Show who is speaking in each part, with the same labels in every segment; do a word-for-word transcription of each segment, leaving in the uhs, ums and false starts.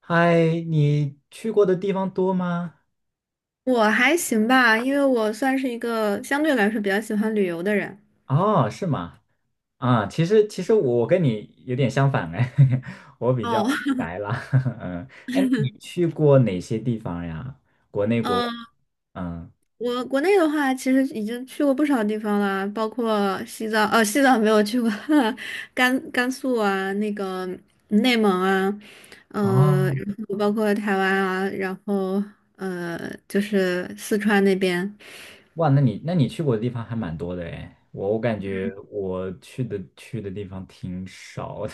Speaker 1: 嗨，你去过的地方多吗？
Speaker 2: 我还行吧，因为我算是一个相对来说比较喜欢旅游的人。
Speaker 1: 哦，是吗？啊，其实其实我跟你有点相反哎，我比较
Speaker 2: 哦，
Speaker 1: 宅啦。嗯，哎，那你去过哪些地方呀？国内 国，
Speaker 2: 嗯，
Speaker 1: 嗯，
Speaker 2: 我国内的话，其实已经去过不少地方了，包括西藏，呃，西藏没有去过。甘甘肃啊，那个内蒙啊，呃，
Speaker 1: 哦，
Speaker 2: 然后包括台湾啊，然后呃，就是四川那边。
Speaker 1: 哇，那你那你去过的地方还蛮多的哎，我我感觉我去的去的地方挺少的，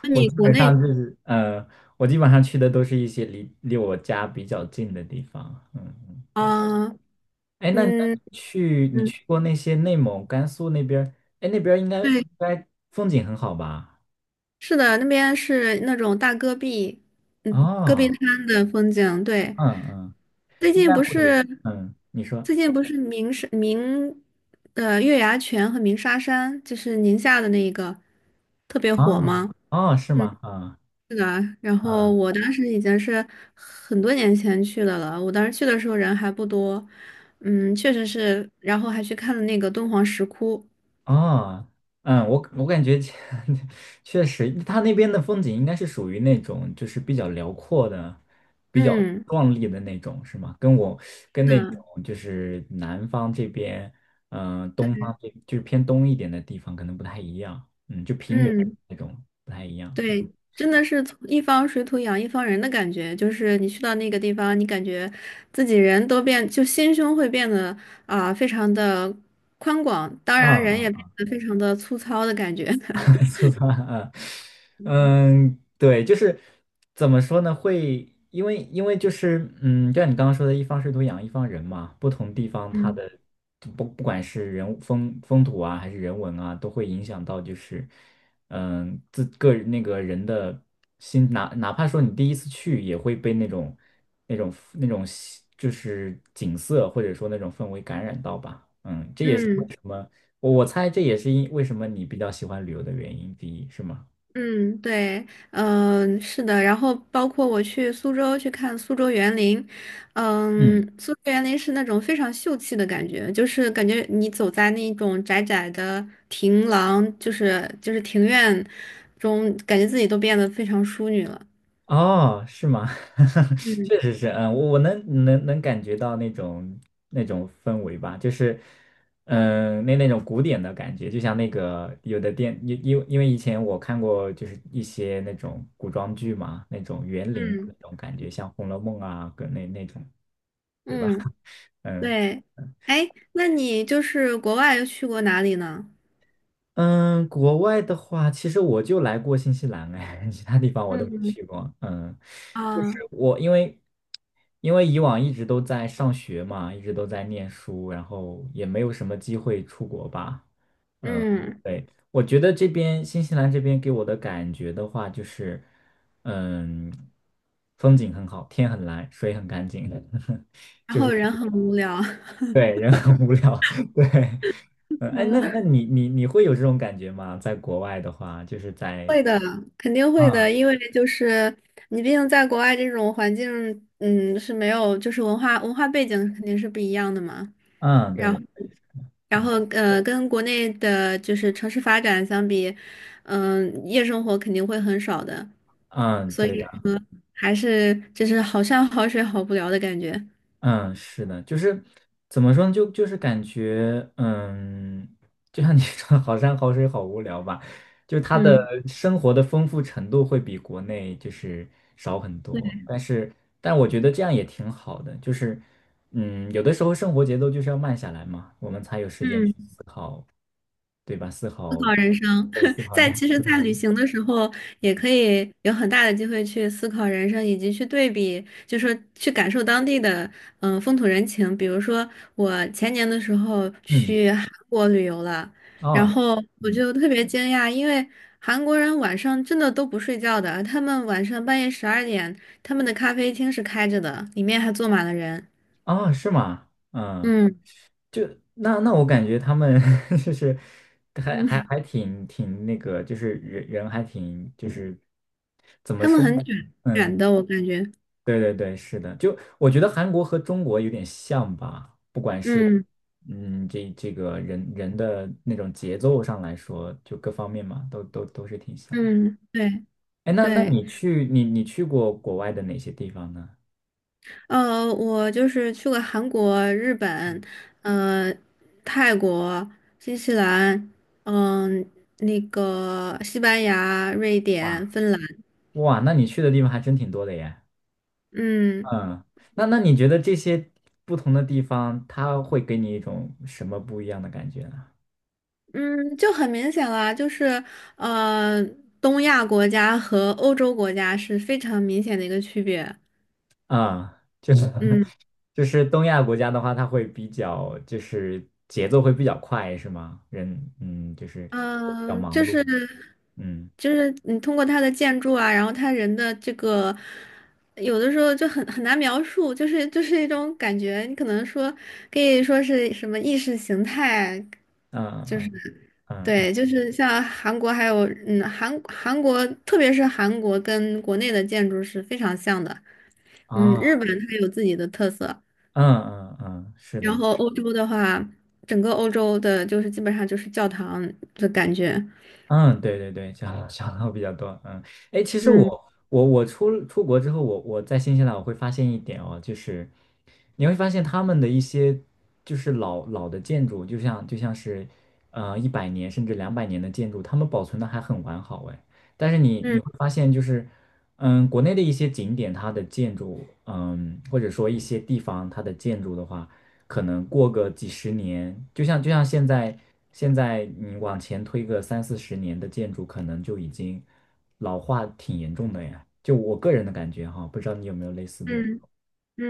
Speaker 2: 那
Speaker 1: 我
Speaker 2: 你
Speaker 1: 基
Speaker 2: 国
Speaker 1: 本上
Speaker 2: 内，
Speaker 1: 就是，嗯，我基本上去的都是一些离离我家比较近的地方，嗯嗯，
Speaker 2: 啊，
Speaker 1: 哎，那那
Speaker 2: 嗯
Speaker 1: 你去你
Speaker 2: 嗯，
Speaker 1: 去过那些内蒙、甘肃那边儿？哎，那边儿应该
Speaker 2: 对，
Speaker 1: 应该风景很好吧？
Speaker 2: 是的，那边是那种大戈壁，嗯，戈壁
Speaker 1: 哦，
Speaker 2: 滩的风景，对。
Speaker 1: 嗯嗯，
Speaker 2: 最
Speaker 1: 应
Speaker 2: 近
Speaker 1: 该
Speaker 2: 不
Speaker 1: 会有，
Speaker 2: 是
Speaker 1: 嗯，你说，
Speaker 2: 最近不是鸣沙鸣呃月牙泉和鸣沙山，就是宁夏的那个特别
Speaker 1: 啊、
Speaker 2: 火
Speaker 1: 哦，
Speaker 2: 吗？
Speaker 1: 哦是
Speaker 2: 嗯，
Speaker 1: 吗？啊、
Speaker 2: 是的。然后
Speaker 1: 啊、
Speaker 2: 我当时已经是很多年前去的了，我当时去的时候人还不多，嗯，确实是。然后还去看了那个敦煌石窟，
Speaker 1: 啊，嗯，我我感觉 确实，它那边的风景应该是属于那种就是比较辽阔的、比较
Speaker 2: 嗯，
Speaker 1: 壮丽的那种，是吗？跟我
Speaker 2: 是
Speaker 1: 跟那
Speaker 2: 的，
Speaker 1: 种就是南方这边，嗯、东
Speaker 2: 对，
Speaker 1: 方这就是偏东一点的地方可能不太一样，嗯，就平原
Speaker 2: 嗯。
Speaker 1: 那种不太一样，嗯，
Speaker 2: 对，真的是从一方水土养一方人的感觉，就是你去到那个地方，你感觉自己人都变，就心胸会变得啊、非常的宽广，当
Speaker 1: 啊
Speaker 2: 然人也变
Speaker 1: 啊
Speaker 2: 得非常的粗糙的感觉。
Speaker 1: 粗糙啊，嗯，对，就是怎么说呢？会因为因为就是嗯，就像你刚刚说的，一方水土养一方人嘛，不同地方它
Speaker 2: 嗯
Speaker 1: 的就不不管是人物风风土啊，还是人文啊，都会影响到就是嗯自个人那个人的心，哪哪怕说你第一次去，也会被那种那种那种就是景色或者说那种氛围感染到吧，嗯。
Speaker 2: 嗯。
Speaker 1: 我我猜这也是因为什么你比较喜欢旅游的原因第一，是吗？
Speaker 2: 嗯，对，嗯、是的，然后包括我去苏州去看苏州园林，嗯，
Speaker 1: 嗯，
Speaker 2: 苏州园林是那种非常秀气的感觉，就是感觉你走在那种窄窄的庭廊，就是就是庭院中，感觉自己都变得非常淑女了。
Speaker 1: 哦，是吗？
Speaker 2: 嗯
Speaker 1: 确实是，嗯，我我能能能感觉到那种那种氛围吧，就是，嗯，那那种古典的感觉，就像那个有的电，因因因为以前我看过，就是一些那种古装剧嘛，那种园林的那
Speaker 2: 嗯
Speaker 1: 种感觉，像《红楼梦》啊，跟那那种，对吧？
Speaker 2: 嗯，
Speaker 1: 嗯。
Speaker 2: 对，哎，那你就是国外又去过哪里呢？
Speaker 1: 嗯，国外的话，其实我就来过新西兰，哎，其他地方我都没
Speaker 2: 嗯
Speaker 1: 去过。嗯，就是
Speaker 2: 啊，
Speaker 1: 我因为因为以往一直都在上学嘛，一直都在念书，然后也没有什么机会出国吧。嗯，
Speaker 2: 嗯，
Speaker 1: 对，我觉得这边新西兰这边给我的感觉的话，就是嗯，风景很好，天很蓝，水很干净，
Speaker 2: 然
Speaker 1: 就是
Speaker 2: 后人很无聊。
Speaker 1: 对，人很无聊，对，嗯，哎，那那 你你你会有这种感觉吗？在国外的话，就是在，
Speaker 2: 会的，肯定会的，
Speaker 1: 嗯
Speaker 2: 因为就是你毕竟在国外这种环境，嗯，是没有，就是文化文化背景肯定是不一样的嘛。
Speaker 1: 嗯，对
Speaker 2: 然后，
Speaker 1: 的
Speaker 2: 然
Speaker 1: 嗯
Speaker 2: 后呃，跟国内的就是城市发展相比，嗯、夜生活肯定会很少的，
Speaker 1: 嗯，
Speaker 2: 所以
Speaker 1: 对的，
Speaker 2: 说还是就是好山好水好无聊的感觉。
Speaker 1: 嗯，是的，就是怎么说呢？就就是感觉，嗯，就像你 说，好山好水好无聊吧，就他的
Speaker 2: 嗯，
Speaker 1: 生活的丰富程度会比国内就是少很
Speaker 2: 对，
Speaker 1: 多，但是但我觉得这样也挺好的，就是，嗯，有的时候生活节奏就是要慢下来嘛，我们才有时间去
Speaker 2: 嗯。
Speaker 1: 思考，对吧？思
Speaker 2: 思
Speaker 1: 考。
Speaker 2: 考人生，
Speaker 1: 对，四
Speaker 2: 在
Speaker 1: 海
Speaker 2: 其 实，
Speaker 1: 四海，
Speaker 2: 在旅行的时候，也可以有很大的机会去思考人生，以及去对比，就说去感受当地的嗯、呃风土人情。比如说，我前年的时候
Speaker 1: 嗯，
Speaker 2: 去韩国旅游了，然
Speaker 1: 啊，
Speaker 2: 后我
Speaker 1: 嗯，
Speaker 2: 就特别惊讶，因为韩国人晚上真的都不睡觉的，他们晚上半夜十二点，他们的咖啡厅是开着的，里面还坐满了人。
Speaker 1: 啊，是吗？嗯，
Speaker 2: 嗯
Speaker 1: 就那那我感觉他们 就是还还
Speaker 2: 嗯，
Speaker 1: 还 挺挺那个，就是人人还挺就是怎么
Speaker 2: 他们
Speaker 1: 说
Speaker 2: 很
Speaker 1: 呢？
Speaker 2: 卷卷
Speaker 1: 嗯，
Speaker 2: 的，我感觉。
Speaker 1: 对对对，是的，就我觉得韩国和中国有点像吧，不管是
Speaker 2: 嗯
Speaker 1: 嗯这这个人人的那种节奏上来说，就各方面嘛，都都都是挺像的。
Speaker 2: 嗯，对
Speaker 1: 哎，那那
Speaker 2: 对。
Speaker 1: 你去你你去过国外的哪些地方呢？
Speaker 2: 呃，我就是去过韩国、日本，
Speaker 1: 嗯，
Speaker 2: 呃，泰国、新西兰，嗯、那个西班牙、瑞典、
Speaker 1: 哇。
Speaker 2: 芬兰，
Speaker 1: 哇，那你去的地方还真挺多的耶。
Speaker 2: 嗯
Speaker 1: 嗯，那那你觉得这些不同的地方，它会给你一种什么不一样的感觉呢？
Speaker 2: 嗯，就很明显了，就是呃，东亚国家和欧洲国家是非常明显的一个区别。
Speaker 1: 啊、就是
Speaker 2: 嗯。
Speaker 1: 就是东亚国家的话，它会比较就是节奏会比较快，是吗？人嗯，就是比较
Speaker 2: 嗯，
Speaker 1: 忙
Speaker 2: 就
Speaker 1: 碌。
Speaker 2: 是
Speaker 1: 嗯
Speaker 2: 就是你通过他的建筑啊，然后他人的这个，有的时候就很很难描述，就是就是一种感觉，你可能说可以说是什么意识形态，
Speaker 1: 嗯
Speaker 2: 就是
Speaker 1: 嗯嗯嗯
Speaker 2: 对，就是像韩国还有嗯韩韩国，特别是韩国跟国内的建筑是非常像的，嗯，日
Speaker 1: 啊
Speaker 2: 本它有自己的特色，
Speaker 1: 嗯嗯嗯，是
Speaker 2: 然
Speaker 1: 的。
Speaker 2: 后欧洲的话，整个欧洲的就是基本上就是教堂的感觉，
Speaker 1: 嗯，对对对，小嗯小号比较多。嗯，哎，其实
Speaker 2: 嗯
Speaker 1: 我我我出出国之后，我我在新西兰我会发现一点哦，就是你会发现他们的一些就是老老的建筑，就像就像是呃一百年甚至两百年的建筑，他们保存的还很完好哎。但是你你
Speaker 2: 嗯
Speaker 1: 会发现就是嗯，国内的一些景点它的建筑，嗯，或者说一些地方它的建筑的话。可能过个几十年，就像就像现在，现在你往前推个三四十年的建筑，可能就已经老化挺严重的呀。就我个人的感觉哈，不知道你有没有类似的？
Speaker 2: 嗯。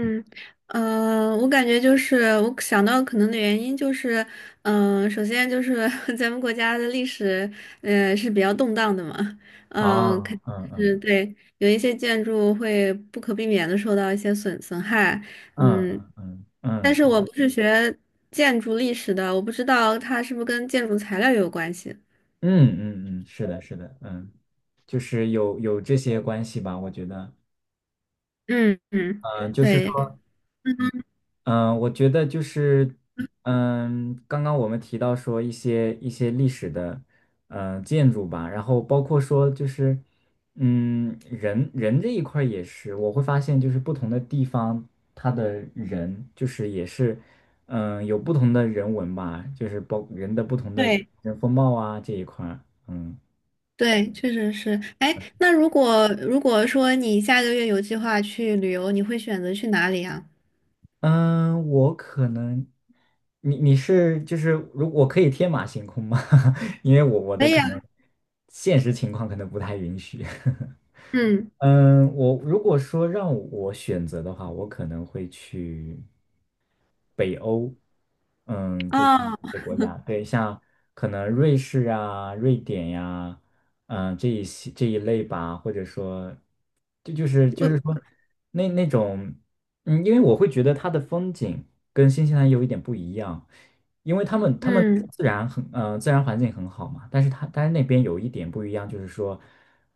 Speaker 1: 嗯，
Speaker 2: 呃，我感觉就是我想到可能的原因就是，嗯、首先就是 咱们国家的历史，呃，是比较动荡的嘛，嗯、肯
Speaker 1: 啊，嗯
Speaker 2: 定是
Speaker 1: 嗯
Speaker 2: 对，有一些建筑会不可避免的受到一些损损害，
Speaker 1: 嗯
Speaker 2: 嗯，
Speaker 1: 嗯
Speaker 2: 但
Speaker 1: 嗯
Speaker 2: 是我
Speaker 1: 嗯
Speaker 2: 不是学建筑历史的，我不知道它是不是跟建筑材料有关系。
Speaker 1: 嗯嗯，是的，是的，嗯，就是有有这些关系吧，我觉得，
Speaker 2: 嗯嗯，
Speaker 1: 嗯，就是。
Speaker 2: 对。嗯
Speaker 1: 嗯，呃我觉得就是，嗯，刚刚我们提到说一些一些历史的，呃，建筑吧，然后包括说就是，嗯，人人这一块儿也是，我会发现就是不同的地方，它的人就是也是，嗯，有不同的人文吧，就是包人的不同的
Speaker 2: 对。
Speaker 1: 人风貌啊这一块儿，嗯
Speaker 2: 对，确实是。哎，那如果如果说你下个月有计划去旅游，你会选择去哪里啊？
Speaker 1: 嗯，我可能，你你是就是如我可以天马行空吗？因为我我的
Speaker 2: 可以
Speaker 1: 可
Speaker 2: 啊，
Speaker 1: 能现实情况可能不太允许。
Speaker 2: 嗯，
Speaker 1: 嗯，我如果说让我选择的话，我可能会去北欧，嗯，就是
Speaker 2: 啊，
Speaker 1: 一些国家，对，像可能瑞士啊、瑞典呀、嗯、这一些这一类吧，或者说，这就是就
Speaker 2: 我，
Speaker 1: 是说那那种，嗯，因为我会觉得它的风景跟新西兰有一点不一样，因为他们他们
Speaker 2: 嗯
Speaker 1: 自然很呃自然环境很好嘛，但是它但是那边有一点不一样，就是说，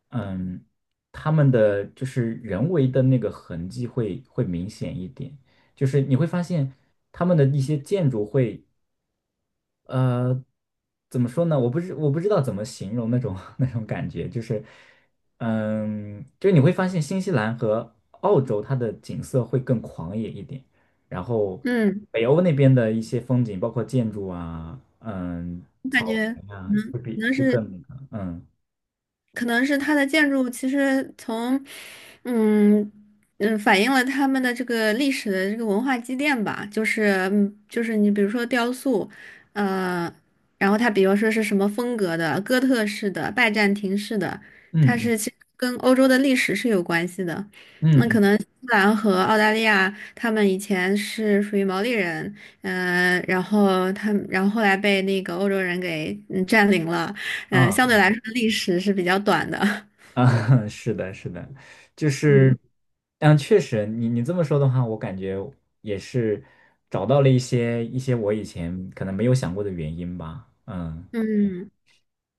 Speaker 1: 嗯，他们的就是人为的那个痕迹会会明显一点。就是你会发现他们的一些建筑会，呃，怎么说呢？我不知我不知道怎么形容那种 那种感觉，就是，嗯，就是你会发现新西兰和澳洲它的景色会更狂野一点，然后
Speaker 2: 嗯，
Speaker 1: 北欧那边的一些风景，包括建筑啊，嗯，
Speaker 2: 我感
Speaker 1: 草
Speaker 2: 觉
Speaker 1: 原啊，
Speaker 2: 嗯。能
Speaker 1: 会
Speaker 2: 可
Speaker 1: 比
Speaker 2: 能
Speaker 1: 会
Speaker 2: 是
Speaker 1: 更那个，嗯，
Speaker 2: 可能是它的建筑其实从，嗯嗯，反映了他们的这个历史的这个文化积淀吧，就是嗯就是你比如说雕塑，呃，然后它比如说是什么风格的，哥特式的、拜占庭式的，它
Speaker 1: 嗯嗯
Speaker 2: 是其实跟欧洲的历史是有关系的。
Speaker 1: 嗯，
Speaker 2: 那可
Speaker 1: 嗯
Speaker 2: 能新西兰和澳大利亚，他们以前是属于毛利人，嗯，然后他们，然后后来被那个欧洲人给嗯占领了。呃，相对
Speaker 1: 啊。
Speaker 2: 来说历史是比较短的。
Speaker 1: 啊，是的，是的，就是，
Speaker 2: 嗯
Speaker 1: 嗯，确实，你你这么说的话，我感觉也是找到了一些一些我以前可能没有想过的原因吧。嗯，
Speaker 2: 嗯，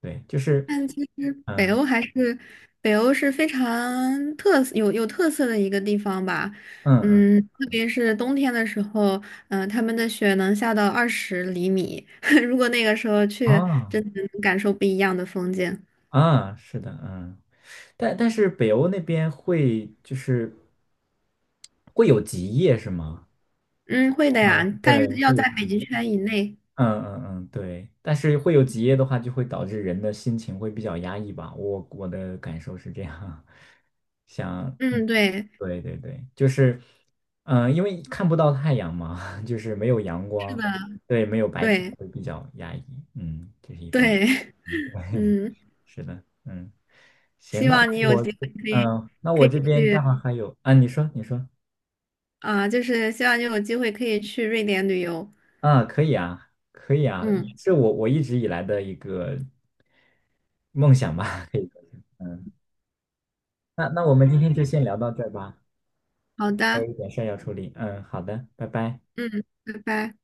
Speaker 1: 对，就是，
Speaker 2: 但其实北
Speaker 1: 嗯
Speaker 2: 欧还是北欧是非常特色有有特色的一个地方吧。
Speaker 1: 嗯嗯，
Speaker 2: 嗯，特别是冬天的时候，嗯、呃他们的雪能下到二十厘米，如果那个时候去，
Speaker 1: 啊
Speaker 2: 真的能感受不一样的风景。
Speaker 1: 啊，是的，嗯，但但是北欧那边会就是会有极夜是吗？
Speaker 2: 嗯，会的呀，
Speaker 1: 嗯，
Speaker 2: 但
Speaker 1: 对，
Speaker 2: 是要
Speaker 1: 会有
Speaker 2: 在北
Speaker 1: 极
Speaker 2: 极
Speaker 1: 夜。
Speaker 2: 圈以内。
Speaker 1: 嗯嗯嗯，对，但是会有结业的话，就会导致人的心情会比较压抑吧。我我的感受是这样，想，嗯，
Speaker 2: 嗯，对，
Speaker 1: 对对对，就是，嗯、因为看不到太阳嘛，就是没有阳
Speaker 2: 是
Speaker 1: 光，
Speaker 2: 的，
Speaker 1: 对，没有白天
Speaker 2: 对
Speaker 1: 会比较压抑。嗯，这是一方面。
Speaker 2: 对，
Speaker 1: 嗯，对，
Speaker 2: 嗯，
Speaker 1: 是的，嗯，行，
Speaker 2: 希
Speaker 1: 那
Speaker 2: 望你有
Speaker 1: 我
Speaker 2: 机会
Speaker 1: 这嗯、那
Speaker 2: 可
Speaker 1: 我
Speaker 2: 以可
Speaker 1: 这
Speaker 2: 以
Speaker 1: 边待
Speaker 2: 去。
Speaker 1: 会儿还有啊，你说，你说
Speaker 2: 啊，就是希望你有机会可以去瑞典旅游。
Speaker 1: 啊，可以啊，可以啊，
Speaker 2: 嗯，
Speaker 1: 是我我一直以来的一个。梦想吧，可以说，嗯，那那我们今天就先聊到这儿吧，
Speaker 2: 好
Speaker 1: 还有
Speaker 2: 的，
Speaker 1: 一点事儿要处理，嗯，好的，拜拜。
Speaker 2: 嗯，拜拜。